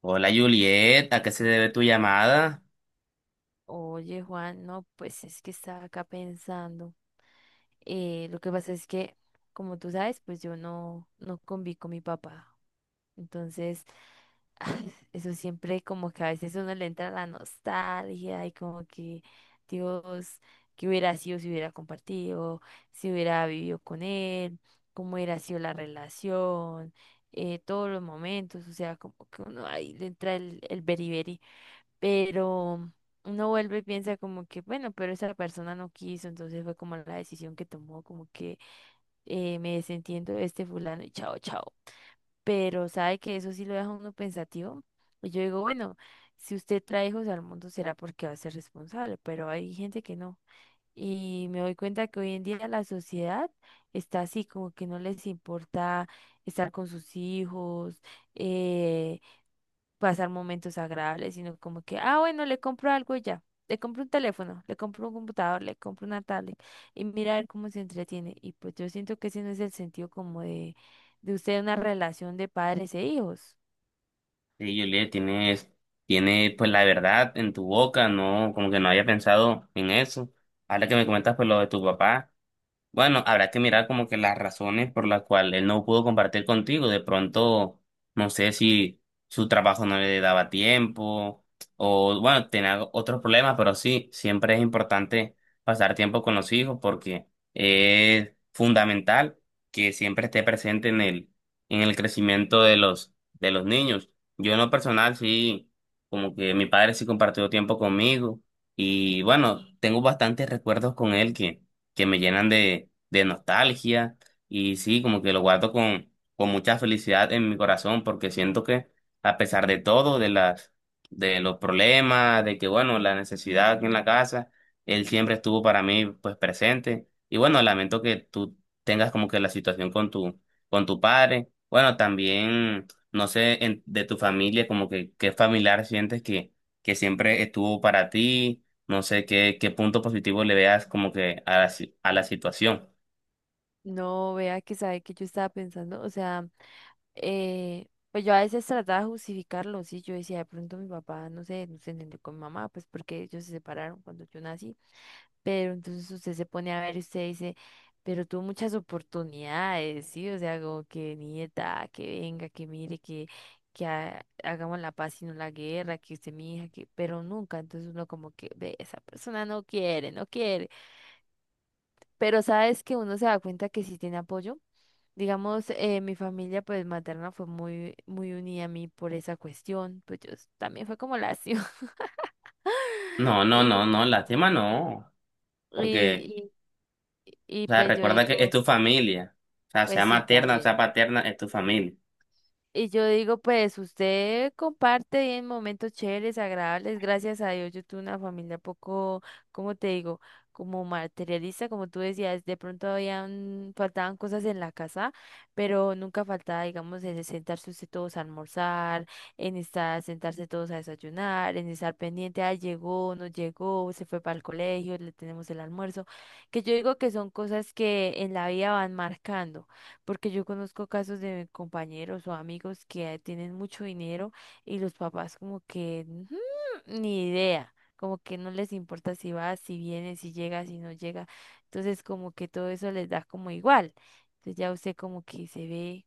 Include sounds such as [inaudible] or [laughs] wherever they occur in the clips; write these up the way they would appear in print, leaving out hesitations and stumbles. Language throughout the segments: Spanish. Hola Juliet, ¿a qué se debe tu llamada? Oye, Juan, no, pues es que estaba acá pensando. Lo que pasa es que, como tú sabes, pues yo no conví con mi papá. Entonces, [laughs] eso siempre como que a veces uno le entra la nostalgia y como que, Dios, qué hubiera sido si hubiera compartido, si hubiera vivido con él, cómo hubiera sido la relación, todos los momentos, o sea, como que uno ahí le entra el beriberi. Pero uno vuelve y piensa como que, bueno, pero esa persona no quiso, entonces fue como la decisión que tomó, como que me desentiendo de este fulano y chao, chao. Pero sabe que eso sí lo deja uno pensativo. Y yo digo, bueno, si usted trae hijos al mundo será porque va a ser responsable, pero hay gente que no. Y me doy cuenta que hoy en día la sociedad está así, como que no les importa estar con sus hijos, eh, pasar momentos agradables, sino como que, ah, bueno, le compro algo y ya. Le compro un teléfono, le compro un computador, le compro una tablet y mirar cómo se entretiene. Y pues yo siento que ese no es el sentido como de usted una relación de padres e hijos. Sí, Juliet, tiene pues la verdad en tu boca, no, como que no había pensado en eso. Ahora que me comentas pues lo de tu papá. Bueno, habrá que mirar como que las razones por las cuales él no pudo compartir contigo. De pronto, no sé si su trabajo no le daba tiempo o, bueno, tenía otros problemas, pero sí, siempre es importante pasar tiempo con los hijos porque es fundamental que siempre esté presente en el crecimiento de de los niños. Yo en lo personal sí, como que mi padre sí compartió tiempo conmigo y, bueno, tengo bastantes recuerdos con él que me llenan de nostalgia y sí, como que lo guardo con mucha felicidad en mi corazón porque siento que a pesar de todo, de los problemas, de que bueno, la necesidad aquí en la casa, él siempre estuvo para mí pues presente y bueno, lamento que tú tengas como que la situación con con tu padre. Bueno, también, no sé, de tu familia, como que qué familiar sientes que siempre estuvo para ti, no sé qué punto positivo le veas como que a la, si- a la situación. No, vea que sabe que yo estaba pensando, o sea, pues yo a veces trataba de justificarlo, sí, yo decía, de pronto mi papá, no sé, no se entendió con mi mamá, pues porque ellos se separaron cuando yo nací. Pero entonces usted se pone a ver y usted dice, pero tuvo muchas oportunidades, ¿sí? O sea, como que nieta, que venga, que mire, que, hagamos la paz y no la guerra, que usted mi hija, que, pero nunca. Entonces uno como que ve, esa persona no quiere, no quiere. Pero sabes que uno se da cuenta que sí tiene apoyo. Digamos, mi familia pues materna fue muy unida a mí por esa cuestión. También fue como lacio. [laughs] No, no, Y, no, no, lástima no. Porque, y, y o sea, pues yo recuerda que es digo, tu familia. O sea, sea pues sí, materna, sea también. paterna, es tu familia. Y yo digo, pues usted comparte y en momentos chéveres, agradables, gracias a Dios. Yo tuve una familia poco, ¿cómo te digo? Como materialista, como tú decías, de pronto habían, faltaban cosas en la casa, pero nunca faltaba, digamos, en sentarse usted todos a almorzar, en estar, sentarse todos a desayunar, en estar pendiente, ah, llegó, no llegó, se fue para el colegio, le tenemos el almuerzo, que yo digo que son cosas que en la vida van marcando. Porque yo conozco casos de compañeros o amigos que tienen mucho dinero y los papás como que "Ujú, ni idea", como que no les importa si va, si viene, si llega, si no llega. Entonces como que todo eso les da como igual. Entonces ya usted como que se ve.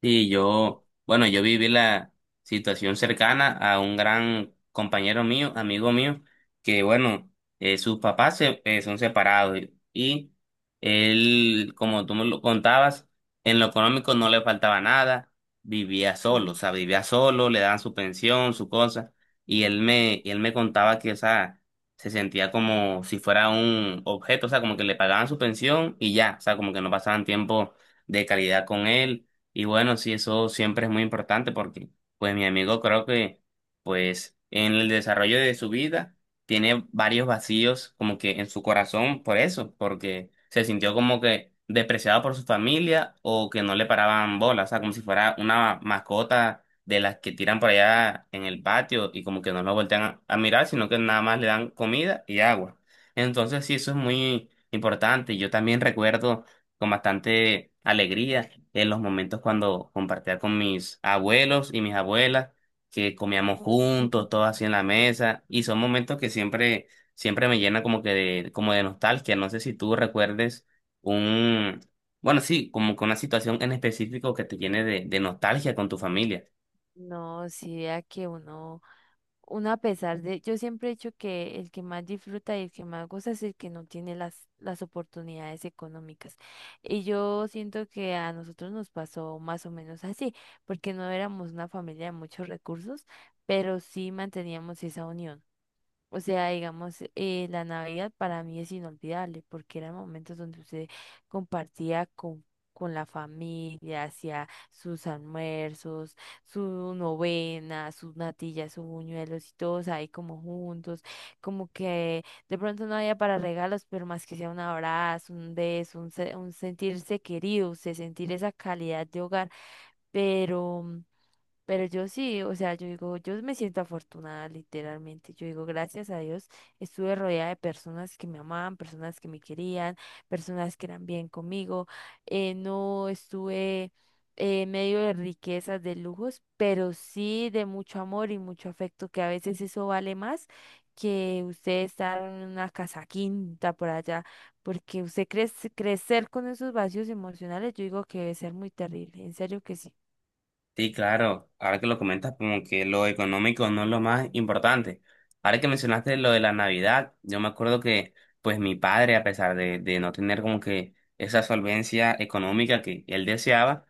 Sí, yo, bueno, yo viví la situación cercana a un gran compañero mío, amigo mío, que bueno, sus papás son separados y él, como tú me lo contabas, en lo económico no le faltaba nada, vivía solo, o Sí. sea, vivía solo, le daban su pensión, su cosa, y él me contaba que, o sea, se sentía como si fuera un objeto, o sea, como que le pagaban su pensión y ya, o sea, como que no pasaban tiempo de calidad con él y bueno, sí, eso siempre es muy importante porque, pues, mi amigo pues, en el desarrollo de su vida tiene varios vacíos como que en su corazón por eso, porque se sintió como que despreciado por su familia o que no le paraban bolas, o sea, como si fuera una mascota de las que tiran por allá en el patio y como que no lo voltean a mirar, sino que nada más le dan comida y agua. Entonces, sí, eso es muy importante. Yo también recuerdo con bastante alegría en los momentos cuando compartía con mis abuelos y mis abuelas, que comíamos juntos, [laughs] todos así en la mesa, y son momentos que siempre me llena como que como de nostalgia. No sé si tú recuerdes un, bueno, sí, como que una situación en específico que te llene de nostalgia con tu familia. No, si vea que uno, uno a pesar de, yo siempre he dicho que el que más disfruta y el que más goza es el que no tiene las oportunidades económicas. Y yo siento que a nosotros nos pasó más o menos así, porque no éramos una familia de muchos recursos, pero sí manteníamos esa unión. O sea, digamos, la Navidad para mí es inolvidable porque eran momentos donde usted compartía con, con la familia, hacía sus almuerzos, su novena, sus natillas, sus buñuelos y todos ahí como juntos, como que de pronto no había para regalos, pero más que sea un abrazo, un beso, un sentirse querido, usted sentir esa calidad de hogar, pero... Pero yo sí, o sea, yo digo, yo me siento afortunada literalmente. Yo digo, gracias a Dios estuve rodeada de personas que me amaban, personas que me querían, personas que eran bien conmigo. No estuve en medio de riquezas, de lujos, pero sí de mucho amor y mucho afecto, que a veces eso vale más que usted estar en una casa quinta por allá, porque usted crece, crecer con esos vacíos emocionales, yo digo que debe ser muy terrible, en serio que sí. Sí, claro, ahora que lo comentas, como que lo económico no es lo más importante. Ahora que mencionaste lo de la Navidad, yo me acuerdo que pues mi padre, a pesar de no tener como que esa solvencia económica que él deseaba,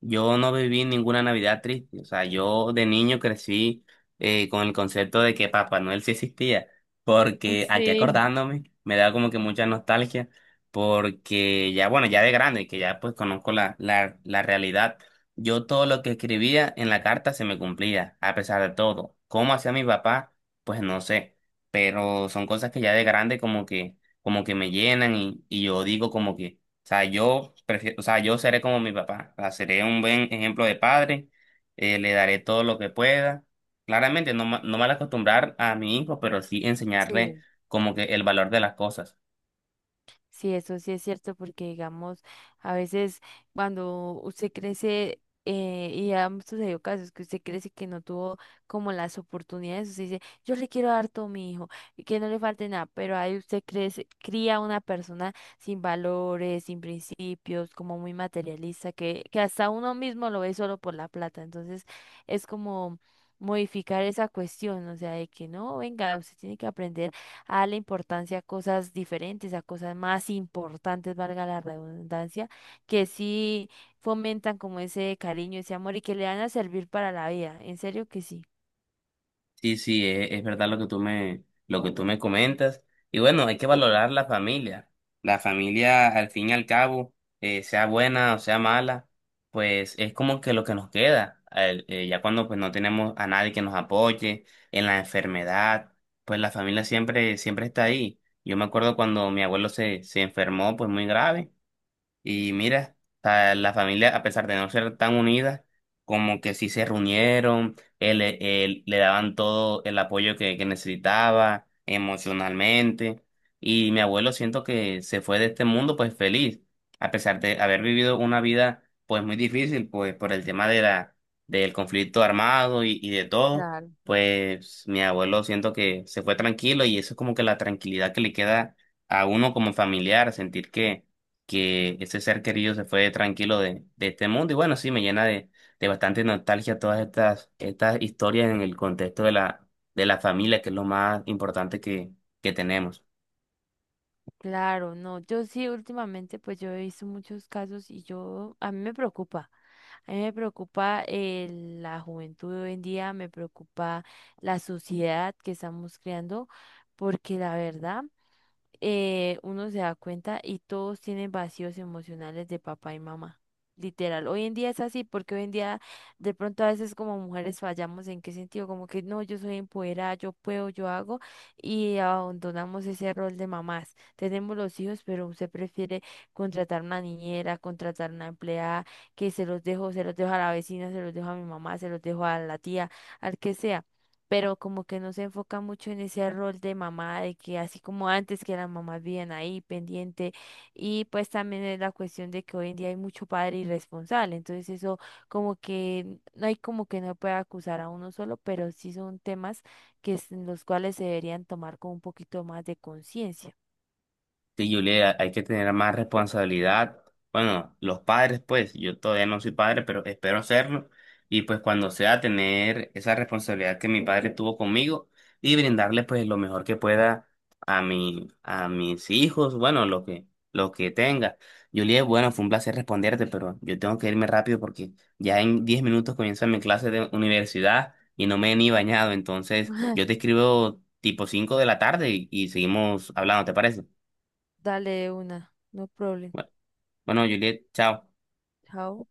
yo no viví ninguna Navidad triste, o sea, yo de niño crecí con el concepto de que Papá Noel sí existía, porque aquí Sí. [laughs] acordándome me da como que mucha nostalgia, porque ya, bueno, ya de grande, que ya pues conozco la realidad, yo todo lo que escribía en la carta se me cumplía, a pesar de todo. ¿Cómo hacía mi papá? Pues no sé, pero son cosas que ya de grande como que me llenan y yo digo como que... O sea, yo prefiero, o sea, yo seré como mi papá. O sea, seré un buen ejemplo de padre. Le daré todo lo que pueda. Claramente, no mal acostumbrar a mi hijo, pero sí enseñarle Sí, como que el valor de las cosas. sí, eso sí es cierto, porque digamos, a veces cuando usted crece, y ya han sucedido casos que usted crece que no tuvo como las oportunidades, usted dice, yo le quiero dar todo a mi hijo, y que no le falte nada, pero ahí usted crece, cría una persona sin valores, sin principios, como muy materialista, que hasta uno mismo lo ve solo por la plata. Entonces, es como modificar esa cuestión, o sea, de que no, venga, usted tiene que aprender a la importancia a cosas diferentes, a cosas más importantes, valga la redundancia, que sí fomentan como ese cariño, ese amor y que le van a servir para la vida. En serio que sí. Sí, sí, es verdad lo que lo que tú me comentas. Y bueno, hay que valorar la familia. La familia, al fin y al cabo, sea buena o sea mala, pues es como que lo que nos queda. Ya cuando pues no tenemos a nadie que nos apoye en la enfermedad, pues la familia siempre está ahí. Yo me acuerdo cuando mi abuelo se enfermó, pues muy grave. Y mira, a la familia, a pesar de no ser tan unida, como que sí se reunieron, le daban todo el apoyo que necesitaba emocionalmente. Y mi abuelo siento que se fue de este mundo pues feliz, a pesar de haber vivido una vida pues muy difícil, pues por el tema de del conflicto armado y de todo, Claro. pues mi abuelo siento que se fue tranquilo y eso es como que la tranquilidad que le queda a uno como familiar, sentir que ese ser querido se fue tranquilo de este mundo. Y bueno, sí, me llena de bastante nostalgia todas estas historias en el contexto de de la familia, que es lo más importante que tenemos. Claro, no, yo sí últimamente pues yo he visto muchos casos y yo, a mí me preocupa la juventud de hoy en día, me preocupa la sociedad que estamos creando, porque la verdad... uno se da cuenta y todos tienen vacíos emocionales de papá y mamá. Literal, hoy en día es así porque hoy en día de pronto a veces como mujeres fallamos en qué sentido, como que no, yo soy empoderada, yo puedo, yo hago y abandonamos ese rol de mamás. Tenemos los hijos, pero usted prefiere contratar una niñera, contratar una empleada, que se los dejo a la vecina, se los dejo a mi mamá, se los dejo a la tía, al que sea, pero como que no se enfoca mucho en ese rol de mamá, de que así como antes que las mamás vivían ahí pendiente, y pues también es la cuestión de que hoy en día hay mucho padre irresponsable, entonces eso como que no hay, como que no puede acusar a uno solo, pero sí son temas en los cuales se deberían tomar con un poquito más de conciencia. Sí, Julia, hay que tener más responsabilidad. Bueno, los padres, pues, yo todavía no soy padre, pero espero serlo. Y pues cuando sea, tener esa responsabilidad que mi padre tuvo conmigo y brindarle pues lo mejor que pueda a a mis hijos, bueno, lo que tenga. Julia, bueno, fue un placer responderte, pero yo tengo que irme rápido porque ya en 10 minutos comienza mi clase de universidad y no me he ni bañado. Entonces, yo te [laughs] escribo tipo 5 de la tarde y seguimos hablando, ¿te parece? Dale de una, no problem. Bueno, Juliet, chao. Chao.